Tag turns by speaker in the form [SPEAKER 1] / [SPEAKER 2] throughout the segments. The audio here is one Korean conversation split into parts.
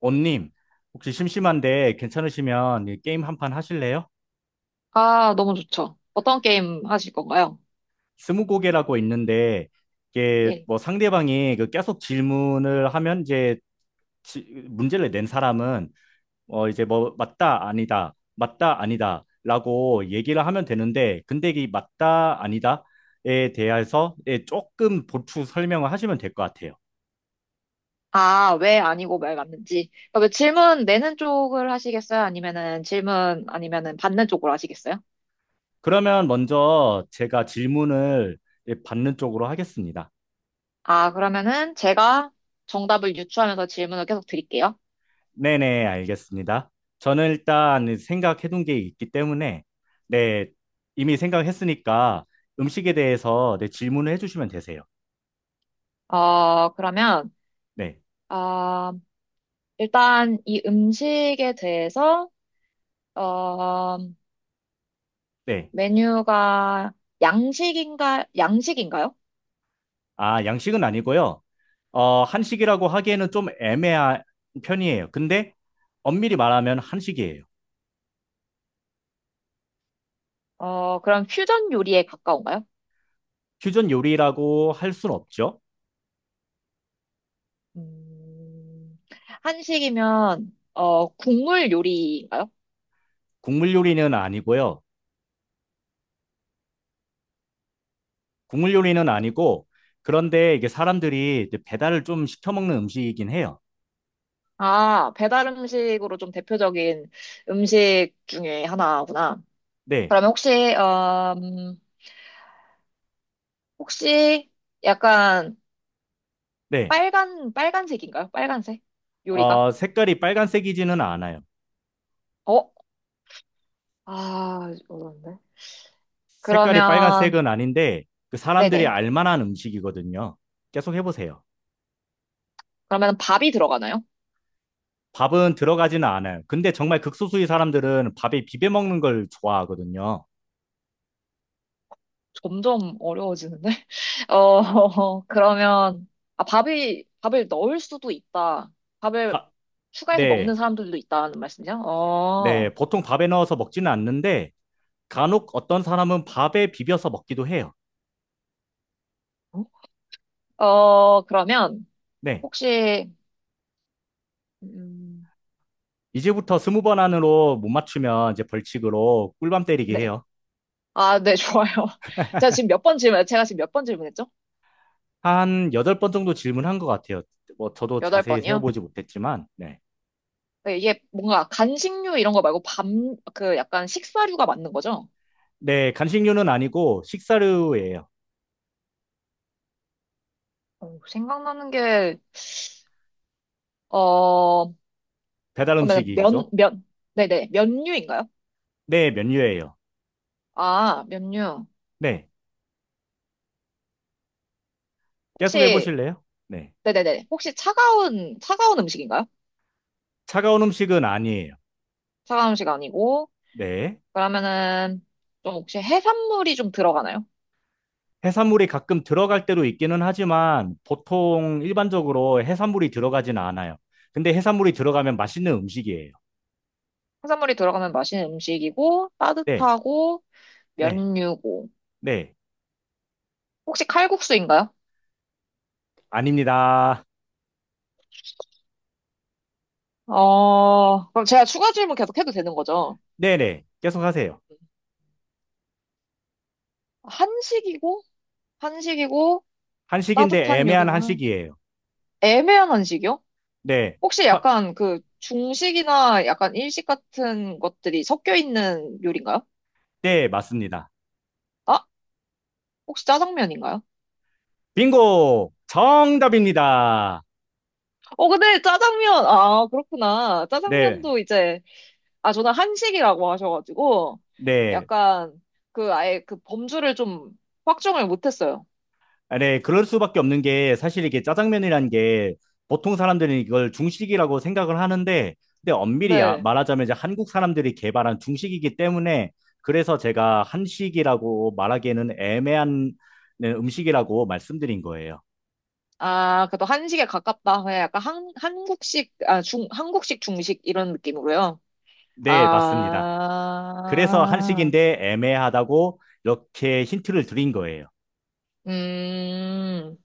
[SPEAKER 1] 원님, 혹시 심심한데 괜찮으시면 이 게임 한 판 하실래요?
[SPEAKER 2] 아, 너무 좋죠. 어떤 게임 하실 건가요?
[SPEAKER 1] 스무고개라고 있는데 이게
[SPEAKER 2] 예.
[SPEAKER 1] 뭐 상대방이 그 계속 질문을 하면 이제 지- 문제를 낸 사람은 이제 뭐 맞다 아니다 맞다 아니다라고 얘기를 하면 되는데 근데 이 맞다 아니다에 대해서 예, 조금 보충 설명을 하시면 될 것 같아요.
[SPEAKER 2] 아, 왜 아니고 말 맞는지. 그러면 질문 내는 쪽을 하시겠어요? 아니면은 질문 아니면은 받는 쪽으로 하시겠어요?
[SPEAKER 1] 그러면 먼저 제가 질문을 예, 받는 쪽으로 하겠습니다.
[SPEAKER 2] 아, 그러면은 제가 정답을 유추하면서 질문을 계속 드릴게요.
[SPEAKER 1] 네네, 알겠습니다. 저는 일단 생각해둔 게 있기 때문에, 네, 이미 생각했으니까 음식에 대해서 네, 질문을 해주시면 되세요.
[SPEAKER 2] 어, 그러면
[SPEAKER 1] 네,
[SPEAKER 2] 아, 일단 이 음식에 대해서 어,
[SPEAKER 1] 네.
[SPEAKER 2] 메뉴가 양식인가요?
[SPEAKER 1] 아, 양식은 아니고요. 어, 한식이라고 하기에는 좀 애매한 편이에요. 근데 엄밀히 말하면 한식이에요.
[SPEAKER 2] 그럼 퓨전 요리에 가까운가요?
[SPEAKER 1] 퓨전 요리라고 할 순 없죠.
[SPEAKER 2] 음, 한식이면, 국물 요리인가요?
[SPEAKER 1] 국물 요리는 아니고요. 국물 요리는 아니고, 그런데 이게 사람들이 이제 배달을 좀 시켜 먹는 음식이긴 해요.
[SPEAKER 2] 아, 배달 음식으로 좀 대표적인 음식 중에 하나구나.
[SPEAKER 1] 네,
[SPEAKER 2] 그러면 혹시, 어, 음, 혹시 약간
[SPEAKER 1] 네.
[SPEAKER 2] 빨간색인가요? 빨간색? 요리가?
[SPEAKER 1] 어, 색깔이 빨간색이지는 않아요.
[SPEAKER 2] 어? 아, 어려운데.
[SPEAKER 1] 색깔이
[SPEAKER 2] 그러면,
[SPEAKER 1] 빨간색은 아닌데 그 사람들이
[SPEAKER 2] 네네.
[SPEAKER 1] 알만한 음식이거든요. 계속 해보세요.
[SPEAKER 2] 그러면 밥이 들어가나요?
[SPEAKER 1] 밥은 들어가지는 않아요. 근데 정말 극소수의 사람들은 밥에 비벼 먹는 걸 좋아하거든요.
[SPEAKER 2] 점점 어려워지는데? 그러면, 아, 밥을 넣을 수도 있다. 밥을
[SPEAKER 1] 바-
[SPEAKER 2] 추가해서 먹는
[SPEAKER 1] 네,
[SPEAKER 2] 사람들도 있다는 말씀이죠?
[SPEAKER 1] 네, 보통 밥에 넣어서 먹지는 않는데 간혹 어떤 사람은 밥에 비벼서 먹기도 해요.
[SPEAKER 2] 어, 그러면,
[SPEAKER 1] 네,
[SPEAKER 2] 혹시, 음,
[SPEAKER 1] 이제부터 스무 번 안으로 못 맞추면 이제 벌칙으로 꿀밤 때리게
[SPEAKER 2] 네.
[SPEAKER 1] 해요.
[SPEAKER 2] 아, 네, 좋아요. 제가 지금 몇 번 질문, 제가 지금 몇 번 질문했죠?
[SPEAKER 1] 한 여덟 번 정도 질문한 것 같아요. 뭐 저도
[SPEAKER 2] 여덟
[SPEAKER 1] 자세히
[SPEAKER 2] 번이요?
[SPEAKER 1] 세어보지 못했지만, 네.
[SPEAKER 2] 네, 이게 뭔가 간식류 이런 거 말고 밥, 그 약간 식사류가 맞는 거죠?
[SPEAKER 1] 네, 간식류는 아니고 식사류예요.
[SPEAKER 2] 어, 생각나는 게, 어,
[SPEAKER 1] 배달
[SPEAKER 2] 그러면
[SPEAKER 1] 음식이죠?
[SPEAKER 2] 면, 네네, 면류인가요?
[SPEAKER 1] 네, 면류예요.
[SPEAKER 2] 아, 면류.
[SPEAKER 1] 네, 계속
[SPEAKER 2] 혹시,
[SPEAKER 1] 해보실래요? 네,
[SPEAKER 2] 네네네. 혹시 차가운 음식인가요?
[SPEAKER 1] 차가운 음식은 아니에요.
[SPEAKER 2] 차가운 음식 아니고,
[SPEAKER 1] 네,
[SPEAKER 2] 그러면은, 좀 혹시 해산물이 좀 들어가나요?
[SPEAKER 1] 해산물이 가끔 들어갈 때도 있기는 하지만 보통 일반적으로 해산물이 들어가진 않아요. 근데 해산물이 들어가면 맛있는 음식이에요.
[SPEAKER 2] 해산물이 들어가면 맛있는 음식이고,
[SPEAKER 1] 네,
[SPEAKER 2] 따뜻하고,
[SPEAKER 1] 네,
[SPEAKER 2] 면류고.
[SPEAKER 1] 네,
[SPEAKER 2] 혹시 칼국수인가요?
[SPEAKER 1] 아닙니다.
[SPEAKER 2] 그럼 제가 추가 질문 계속 해도 되는 거죠?
[SPEAKER 1] 네, 네, 계속 하세요.
[SPEAKER 2] 한식이고, 한식이고,
[SPEAKER 1] 한식인데
[SPEAKER 2] 따뜻한
[SPEAKER 1] 애매한
[SPEAKER 2] 요리고,
[SPEAKER 1] 한식이에요.
[SPEAKER 2] 애매한 한식이요?
[SPEAKER 1] 네,
[SPEAKER 2] 혹시
[SPEAKER 1] 확,
[SPEAKER 2] 약간 그 중식이나 약간 일식 같은 것들이 섞여 있는 요리인가요?
[SPEAKER 1] 네, 맞습니다.
[SPEAKER 2] 아, 혹시 짜장면인가요?
[SPEAKER 1] 빙고! 정답입니다.
[SPEAKER 2] 어, 근데 짜장면, 아, 그렇구나.
[SPEAKER 1] 네.
[SPEAKER 2] 짜장면도 이제, 아, 저는 한식이라고 하셔가지고,
[SPEAKER 1] 네.
[SPEAKER 2] 약간, 그, 아예 그 범주를 좀 확정을 못했어요.
[SPEAKER 1] 아, 네, 그럴 수밖에 없는 게 사실 이게 짜장면이라는 게 보통 사람들은 이걸 중식이라고 생각을 하는데 근데 엄밀히
[SPEAKER 2] 네.
[SPEAKER 1] 말하자면 이제 한국 사람들이 개발한 중식이기 때문에 그래서 제가 한식이라고 말하기에는 애매한 네, 음식이라고 말씀드린 거예요.
[SPEAKER 2] 아, 그래도 한식에 가깝다. 그냥 약간 한, 한국식, 아, 중, 한국식 중식 이런 느낌으로요.
[SPEAKER 1] 네, 맞습니다. 그래서
[SPEAKER 2] 아,
[SPEAKER 1] 한식인데 애매하다고 이렇게 힌트를 드린 거예요.
[SPEAKER 2] 음,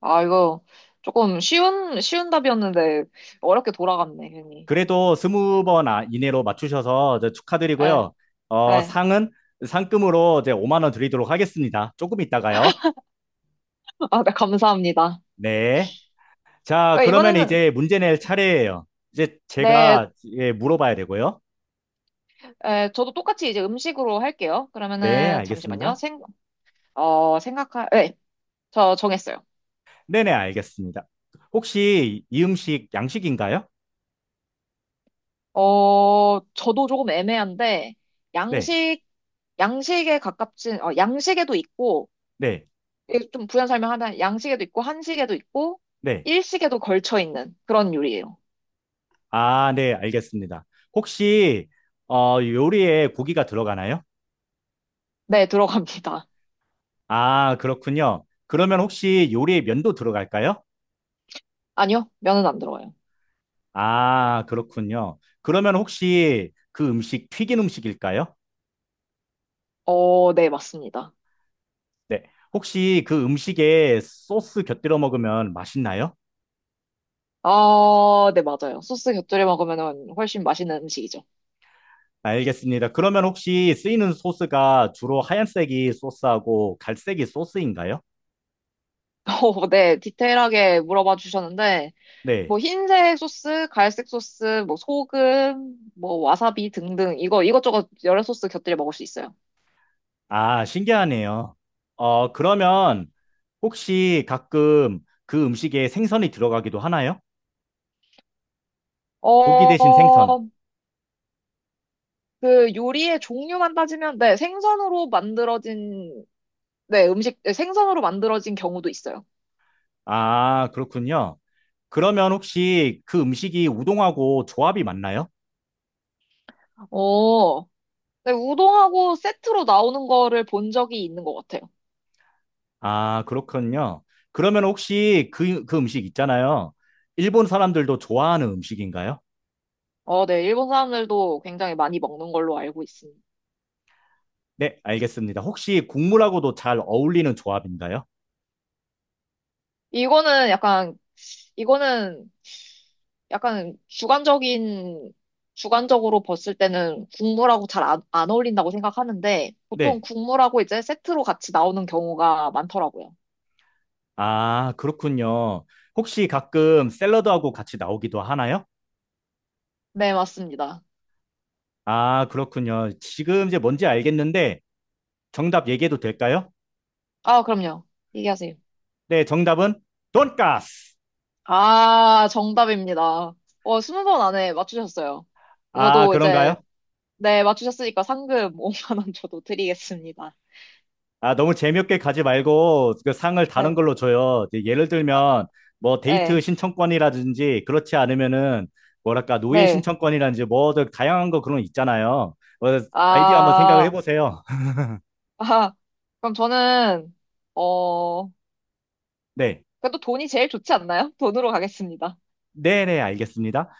[SPEAKER 2] 아, 이거 조금 쉬운 답이었는데, 어렵게 돌아갔네, 괜히.
[SPEAKER 1] 그래도 스무 번 이내로 맞추셔서 이제
[SPEAKER 2] 에,
[SPEAKER 1] 축하드리고요. 어,
[SPEAKER 2] 에.
[SPEAKER 1] 상은 상금으로 이제 5만 원 드리도록 하겠습니다. 조금 있다가요.
[SPEAKER 2] 아, 네, 감사합니다.
[SPEAKER 1] 네. 자,
[SPEAKER 2] 어,
[SPEAKER 1] 그러면
[SPEAKER 2] 이번에는
[SPEAKER 1] 이제 문제 낼 차례예요. 이제
[SPEAKER 2] 네,
[SPEAKER 1] 제가 예, 물어봐야 되고요.
[SPEAKER 2] 에, 저도 똑같이 이제 음식으로 할게요.
[SPEAKER 1] 네,
[SPEAKER 2] 그러면은 잠시만요.
[SPEAKER 1] 알겠습니다.
[SPEAKER 2] 생, 생각할, 네, 저 정했어요.
[SPEAKER 1] 네네, 알겠습니다. 혹시 이 음식 양식인가요?
[SPEAKER 2] 저도 조금 애매한데
[SPEAKER 1] 네,
[SPEAKER 2] 양식, 양식에 가깝진, 양식에도 있고
[SPEAKER 1] 네,
[SPEAKER 2] 이게 좀 부연 설명하면 양식에도 있고 한식에도 있고
[SPEAKER 1] 네.
[SPEAKER 2] 일식에도 걸쳐 있는 그런 요리예요.
[SPEAKER 1] 아, 네, 알겠습니다. 혹시 어, 요리에 고기가 들어가나요?
[SPEAKER 2] 네, 들어갑니다.
[SPEAKER 1] 아, 그렇군요. 그러면 혹시 요리에 면도 들어갈까요?
[SPEAKER 2] 아니요, 면은 안 들어가요.
[SPEAKER 1] 아, 그렇군요. 그러면 혹시 그 음식 튀긴 음식일까요?
[SPEAKER 2] 네, 맞습니다.
[SPEAKER 1] 네. 혹시 그 음식에 소스 곁들여 먹으면 맛있나요?
[SPEAKER 2] 네, 맞아요. 소스 곁들여 먹으면 훨씬 맛있는 음식이죠.
[SPEAKER 1] 아, 알겠습니다. 그러면 혹시 쓰이는 소스가 주로 하얀색이 소스하고 갈색이 소스인가요?
[SPEAKER 2] 네, 디테일하게 물어봐 주셨는데,
[SPEAKER 1] 네.
[SPEAKER 2] 뭐, 흰색 소스, 갈색 소스, 뭐, 소금, 뭐, 와사비 등등, 이거, 이것저것 여러 소스 곁들여 먹을 수 있어요.
[SPEAKER 1] 아, 신기하네요. 어, 그러면 혹시 가끔 그 음식에 생선이 들어가기도 하나요? 고기 대신 생선.
[SPEAKER 2] 어, 그 요리의 종류만 따지면, 네, 생선으로 만들어진, 네, 음식, 네, 생선으로 만들어진 경우도 있어요.
[SPEAKER 1] 아, 그렇군요. 그러면 혹시 그 음식이 우동하고 조합이 맞나요?
[SPEAKER 2] 어, 네, 우동하고 세트로 나오는 거를 본 적이 있는 것 같아요.
[SPEAKER 1] 아, 그렇군요. 그러면 혹시 그 음식 있잖아요. 일본 사람들도 좋아하는 음식인가요?
[SPEAKER 2] 네, 일본 사람들도 굉장히 많이 먹는 걸로 알고 있습니다.
[SPEAKER 1] 네, 알겠습니다. 혹시 국물하고도 잘 어울리는 조합인가요?
[SPEAKER 2] 이거는 약간 이거는 약간 주관적으로 봤을 때는 국물하고 잘 안 어울린다고 생각하는데, 보통
[SPEAKER 1] 네.
[SPEAKER 2] 국물하고 이제 세트로 같이 나오는 경우가 많더라고요.
[SPEAKER 1] 아, 그렇군요. 혹시 가끔 샐러드하고 같이 나오기도 하나요?
[SPEAKER 2] 네, 맞습니다.
[SPEAKER 1] 아, 그렇군요. 지금 이제 뭔지 알겠는데 정답 얘기해도 될까요?
[SPEAKER 2] 아, 그럼요. 얘기하세요.
[SPEAKER 1] 네, 정답은 돈까스.
[SPEAKER 2] 아, 정답입니다. 어, 스무 번 안에 맞추셨어요.
[SPEAKER 1] 아,
[SPEAKER 2] 저도 이제,
[SPEAKER 1] 그런가요?
[SPEAKER 2] 네, 맞추셨으니까 상금 5만 원 저도 드리겠습니다.
[SPEAKER 1] 아, 너무 재미없게 가지 말고 그 상을 다른
[SPEAKER 2] 네.
[SPEAKER 1] 걸로 줘요. 이제 예를
[SPEAKER 2] 아,
[SPEAKER 1] 들면 뭐 데이트
[SPEAKER 2] 네.
[SPEAKER 1] 신청권이라든지 그렇지 않으면은 뭐랄까 노예
[SPEAKER 2] 네.
[SPEAKER 1] 신청권이라든지 뭐든 다양한 거 그런 거 있잖아요. 뭐 아이디어 한번 생각을
[SPEAKER 2] 아,
[SPEAKER 1] 해보세요.
[SPEAKER 2] 아, 그럼 저는, 어,
[SPEAKER 1] 네.
[SPEAKER 2] 그래도 돈이 제일 좋지 않나요? 돈으로 가겠습니다.
[SPEAKER 1] 네네, 알겠습니다.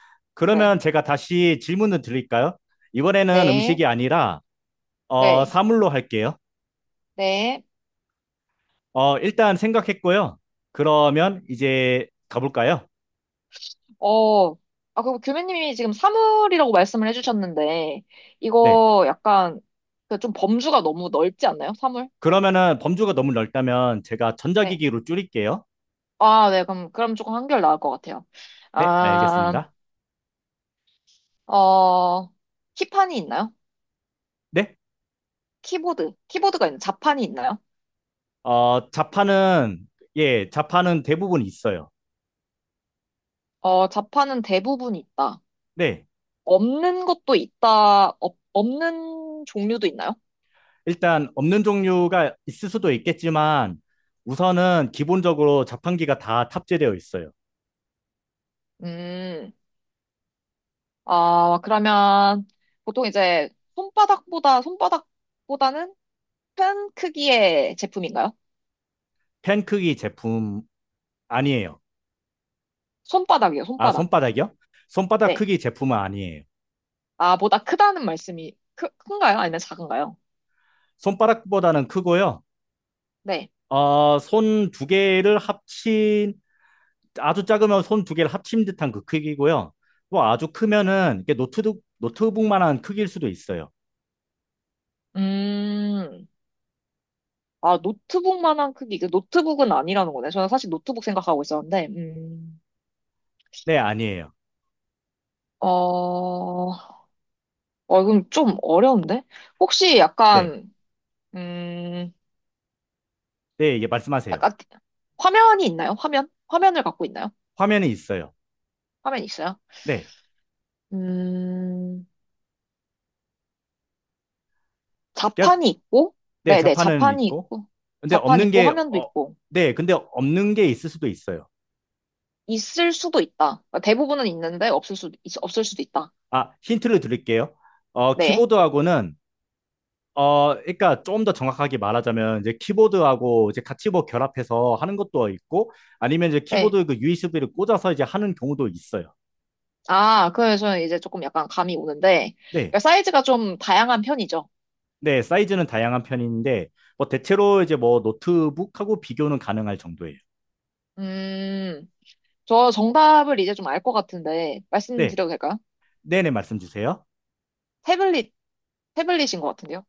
[SPEAKER 2] 네.
[SPEAKER 1] 그러면 제가 다시 질문을 드릴까요? 이번에는
[SPEAKER 2] 네.
[SPEAKER 1] 음식이 아니라 어,
[SPEAKER 2] 네.
[SPEAKER 1] 사물로 할게요.
[SPEAKER 2] 네.
[SPEAKER 1] 어, 일단 생각했고요. 그러면 이제 가볼까요?
[SPEAKER 2] 아, 그리고 교수님이 지금 사물이라고 말씀을 해주셨는데,
[SPEAKER 1] 네.
[SPEAKER 2] 이거 약간 그좀 범주가 너무 넓지 않나요? 사물?
[SPEAKER 1] 그러면은 범주가 너무 넓다면 제가
[SPEAKER 2] 네.
[SPEAKER 1] 전자기기로 줄일게요.
[SPEAKER 2] 아, 네. 그럼 조금 한결 나을 것 같아요.
[SPEAKER 1] 네,
[SPEAKER 2] 아,
[SPEAKER 1] 알겠습니다.
[SPEAKER 2] 어, 키판이 있나요?
[SPEAKER 1] 네,
[SPEAKER 2] 키보드. 키보드가 있나요? 자판이 있나요?
[SPEAKER 1] 어, 자판은, 예, 자판은 대부분 있어요.
[SPEAKER 2] 어, 자판은 대부분 있다.
[SPEAKER 1] 네,
[SPEAKER 2] 없는 것도 있다. 없는 종류도 있나요?
[SPEAKER 1] 일단 없는 종류가 있을 수도 있겠지만 우선은 기본적으로 자판기가 다 탑재되어 있어요.
[SPEAKER 2] 음. 아, 그러면 보통 이제 손바닥보다는 큰 크기의 제품인가요?
[SPEAKER 1] 펜 크기 제품 아니에요.
[SPEAKER 2] 손바닥이요,
[SPEAKER 1] 아,
[SPEAKER 2] 손바닥.
[SPEAKER 1] 손바닥이요? 손바닥
[SPEAKER 2] 네.
[SPEAKER 1] 크기 제품은 아니에요.
[SPEAKER 2] 아, 보다 크다는 말씀이 큰가요? 아니면 작은가요?
[SPEAKER 1] 손바닥보다는 크고요.
[SPEAKER 2] 네.
[SPEAKER 1] 어, 손 두 개를 합친, 아주 작으면 손 두 개를 합친 듯한 그 크기고요. 또 아주 크면은 이게 노트북, 노트북만한 크기일 수도 있어요.
[SPEAKER 2] 음, 아, 노트북만한 크기. 그 노트북은 아니라는 거네. 저는 사실 노트북 생각하고 있었는데,
[SPEAKER 1] 네, 아니에요.
[SPEAKER 2] 어, 이건 좀 어려운데? 혹시
[SPEAKER 1] 네.
[SPEAKER 2] 음,
[SPEAKER 1] 네, 이게 말씀하세요.
[SPEAKER 2] 약간 화면이 있나요? 화면? 화면을 갖고 있나요?
[SPEAKER 1] 화면이 있어요.
[SPEAKER 2] 화면 있어요?
[SPEAKER 1] 네.
[SPEAKER 2] 음,
[SPEAKER 1] 그래서-
[SPEAKER 2] 자판이 있고,
[SPEAKER 1] 네,
[SPEAKER 2] 네네,
[SPEAKER 1] 자판은
[SPEAKER 2] 자판이
[SPEAKER 1] 있고.
[SPEAKER 2] 있고,
[SPEAKER 1] 근데
[SPEAKER 2] 자판
[SPEAKER 1] 없는
[SPEAKER 2] 있고,
[SPEAKER 1] 게,
[SPEAKER 2] 화면도
[SPEAKER 1] 어,
[SPEAKER 2] 있고,
[SPEAKER 1] 네, 근데 없는 게 있을 수도 있어요.
[SPEAKER 2] 있을 수도 있다. 그러니까 대부분은 있는데, 없을 수도 있다.
[SPEAKER 1] 아, 힌트를 드릴게요. 어,
[SPEAKER 2] 네,
[SPEAKER 1] 키보드하고는, 어, 그러니까 좀 더 정확하게 말하자면, 이제 키보드하고 이제 같이 뭐 결합해서 하는 것도 있고, 아니면 이제
[SPEAKER 2] 네.
[SPEAKER 1] 키보드 그 USB를 꽂아서 이제 하는 경우도 있어요.
[SPEAKER 2] 아, 그래서 이제 조금 약간 감이 오는데,
[SPEAKER 1] 네.
[SPEAKER 2] 그러니까 사이즈가 좀 다양한 편이죠.
[SPEAKER 1] 네, 사이즈는 다양한 편인데, 뭐 대체로 이제 뭐 노트북하고 비교는 가능할 정도예요.
[SPEAKER 2] 음, 저 정답을 이제 좀 알 것 같은데,
[SPEAKER 1] 네.
[SPEAKER 2] 말씀드려도 될까요?
[SPEAKER 1] 네네, 말씀 주세요.
[SPEAKER 2] 태블릿, 태블릿인 것 같은데요?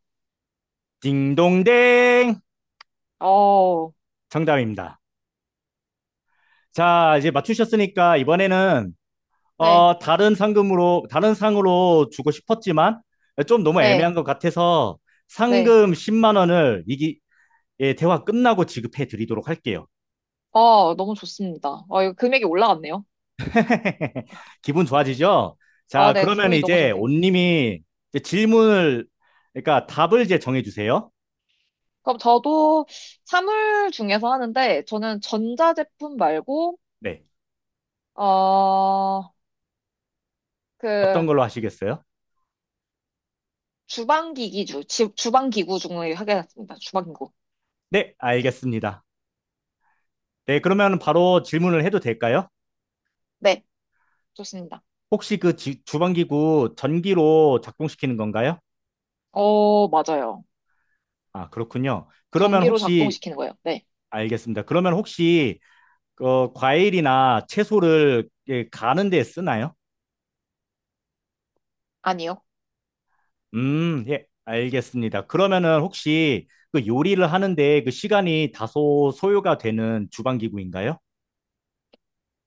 [SPEAKER 1] 딩동댕
[SPEAKER 2] 어,
[SPEAKER 1] 정답입니다. 자, 이제 맞추셨으니까 이번에는
[SPEAKER 2] 네,
[SPEAKER 1] 어, 다른 상금으로 다른 상으로 주고 싶었지만 좀 너무
[SPEAKER 2] 네,
[SPEAKER 1] 애매한 것 같아서
[SPEAKER 2] 네.
[SPEAKER 1] 상금 10만 원을 이기 예, 대화 끝나고 지급해 드리도록 할게요.
[SPEAKER 2] 어, 너무 좋습니다. 어, 이거 금액이 올라갔네요.
[SPEAKER 1] 기분 좋아지죠?
[SPEAKER 2] 아,
[SPEAKER 1] 자,
[SPEAKER 2] 네,
[SPEAKER 1] 그러면
[SPEAKER 2] 기분이 너무
[SPEAKER 1] 이제
[SPEAKER 2] 좋네요.
[SPEAKER 1] 온님이 이제 질문을 그러니까 답을 이제 정해 주세요.
[SPEAKER 2] 그럼 저도 사물 중에서 하는데, 저는 전자제품 말고,
[SPEAKER 1] 네.
[SPEAKER 2] 어,
[SPEAKER 1] 어떤
[SPEAKER 2] 그,
[SPEAKER 1] 걸로 하시겠어요?
[SPEAKER 2] 주방기구 중에 하겠습니다. 주방기구.
[SPEAKER 1] 네, 알겠습니다. 네, 그러면 바로 질문을 해도 될까요?
[SPEAKER 2] 네, 좋습니다.
[SPEAKER 1] 혹시 그 주방기구 전기로 작동시키는 건가요?
[SPEAKER 2] 어, 맞아요.
[SPEAKER 1] 아, 그렇군요. 그러면
[SPEAKER 2] 전기로
[SPEAKER 1] 혹시,
[SPEAKER 2] 작동시키는 거예요. 네.
[SPEAKER 1] 알겠습니다. 그러면 혹시, 어, 과일이나 채소를 예, 가는 데 쓰나요?
[SPEAKER 2] 아니요.
[SPEAKER 1] 예, 알겠습니다. 그러면은 혹시 그 요리를 하는데 그 시간이 다소 소요가 되는 주방기구인가요?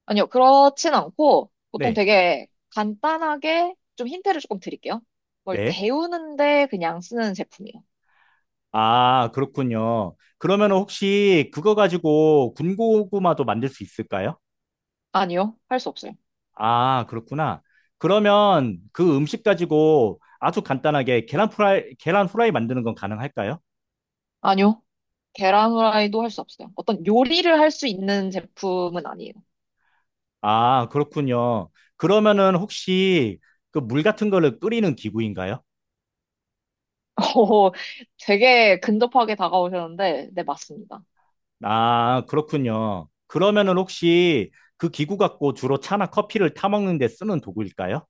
[SPEAKER 2] 아니요. 그렇진 않고, 보통
[SPEAKER 1] 네,
[SPEAKER 2] 되게 간단하게 좀 힌트를 조금 드릴게요. 뭘
[SPEAKER 1] 네.
[SPEAKER 2] 데우는데 그냥 쓰는 제품이에요.
[SPEAKER 1] 아, 그렇군요. 그러면 혹시 그거 가지고 군고구마도 만들 수 있을까요?
[SPEAKER 2] 아니요. 할 수 없어요.
[SPEAKER 1] 아, 그렇구나. 그러면 그 음식 가지고 아주 간단하게 계란 프라이, 계란 후라이 만드는 건 가능할까요?
[SPEAKER 2] 아니요. 계란 후라이도 할 수 없어요. 어떤 요리를 할 수 있는 제품은 아니에요.
[SPEAKER 1] 아, 그렇군요. 그러면은 혹시 그 물 같은 거를 끓이는 기구인가요?
[SPEAKER 2] 어, 되게 근접하게 다가오셨는데, 네, 맞습니다.
[SPEAKER 1] 아, 그렇군요. 그러면은 혹시 그 기구 갖고 주로 차나 커피를 타먹는 데 쓰는 도구일까요?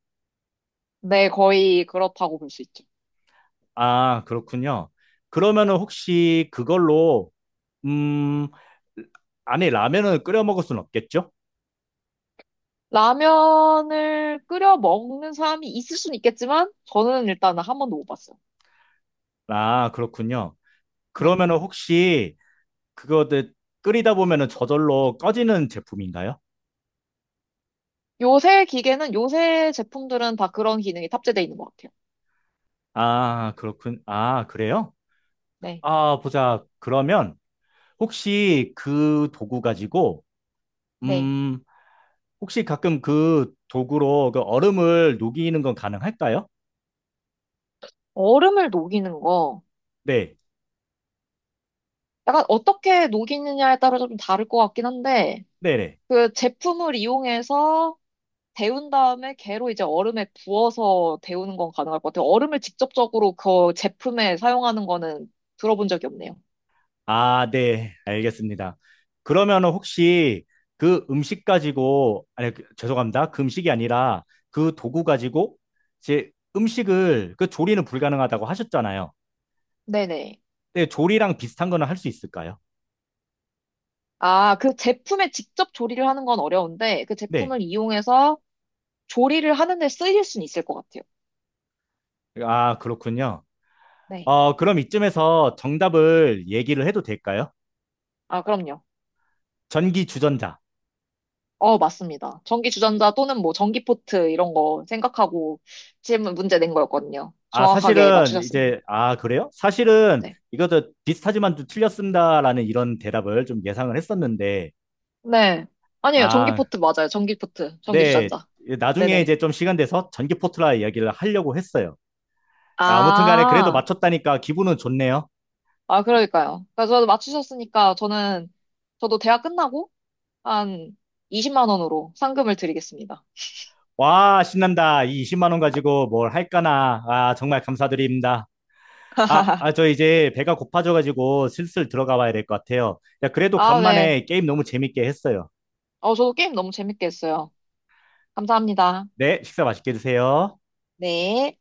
[SPEAKER 2] 네, 거의 그렇다고 볼 수 있죠.
[SPEAKER 1] 아, 그렇군요. 그러면은 혹시 그걸로, 음, 안에 라면을 끓여 먹을 순 없겠죠?
[SPEAKER 2] 라면을 끓여 먹는 사람이 있을 수는 있겠지만, 저는 일단은 한 번도 못 봤어요.
[SPEAKER 1] 아, 그렇군요.
[SPEAKER 2] 네.
[SPEAKER 1] 그러면은 혹시 그거들 끓이다 보면은 저절로 꺼지는 제품인가요?
[SPEAKER 2] 요새 기계는, 요새 제품들은 다 그런 기능이 탑재되어 있는 것 같아요.
[SPEAKER 1] 아, 그렇군. 아, 그래요?
[SPEAKER 2] 네.
[SPEAKER 1] 아, 보자. 그러면 혹시 그 도구 가지고,
[SPEAKER 2] 네.
[SPEAKER 1] 음, 혹시 가끔 그 도구로 그 얼음을 녹이는 건 가능할까요?
[SPEAKER 2] 얼음을 녹이는 거,
[SPEAKER 1] 네,
[SPEAKER 2] 약간 어떻게 녹이느냐에 따라서 좀 다를 것 같긴 한데,
[SPEAKER 1] 네네.
[SPEAKER 2] 그 제품을 이용해서 데운 다음에 걔로 이제 얼음에 부어서 데우는 건 가능할 것 같아요. 얼음을 직접적으로 그 제품에 사용하는 거는 들어본 적이 없네요.
[SPEAKER 1] 아, 네, 알겠습니다. 그러면 혹시 그 음식 가지고, 아니, 죄송합니다. 그 음식이 아니라 그 도구 가지고, 이제 음식을, 그 조리는 불가능하다고 하셨잖아요.
[SPEAKER 2] 네네.
[SPEAKER 1] 네, 조리랑 비슷한 거는 할 수 있을까요?
[SPEAKER 2] 아, 그 제품에 직접 조리를 하는 건 어려운데 그
[SPEAKER 1] 네.
[SPEAKER 2] 제품을 이용해서 조리를 하는데 쓰일 수는 있을 것 같아요.
[SPEAKER 1] 아, 그렇군요.
[SPEAKER 2] 네.
[SPEAKER 1] 어, 그럼 이쯤에서 정답을 얘기를 해도 될까요?
[SPEAKER 2] 아, 그럼요.
[SPEAKER 1] 전기 주전자.
[SPEAKER 2] 어, 맞습니다. 전기 주전자 또는 뭐 전기 포트 이런 거 생각하고 질문 문제 낸 거였거든요.
[SPEAKER 1] 아,
[SPEAKER 2] 정확하게
[SPEAKER 1] 사실은
[SPEAKER 2] 맞추셨습니다.
[SPEAKER 1] 이제, 아, 그래요? 사실은
[SPEAKER 2] 네.
[SPEAKER 1] 이것도 비슷하지만 좀 틀렸습니다라는 이런 대답을 좀 예상을 했었는데,
[SPEAKER 2] 네. 아니에요. 전기
[SPEAKER 1] 아,
[SPEAKER 2] 포트 맞아요. 전기 포트. 전기
[SPEAKER 1] 네.
[SPEAKER 2] 주전자.
[SPEAKER 1] 나중에
[SPEAKER 2] 네네.
[SPEAKER 1] 이제 좀 시간 돼서 전기포트라 이야기를 하려고 했어요. 아무튼 간에 그래도
[SPEAKER 2] 아,
[SPEAKER 1] 맞췄다니까 기분은 좋네요.
[SPEAKER 2] 아, 그러니까요. 그러니까 저도 맞추셨으니까 저는, 저도 대학 끝나고 한 20만 원으로 상금을 드리겠습니다.
[SPEAKER 1] 와, 신난다. 이 20만 원 가지고 뭘 할까나. 아, 정말 감사드립니다. 아, 아, 저 이제 배가 고파져가지고 슬슬 들어가 봐야 될 것 같아요. 야, 그래도
[SPEAKER 2] 아, 네.
[SPEAKER 1] 간만에 게임 너무 재밌게 했어요.
[SPEAKER 2] 어, 저도 게임 너무 재밌게 했어요. 감사합니다.
[SPEAKER 1] 네, 식사 맛있게 드세요.
[SPEAKER 2] 네.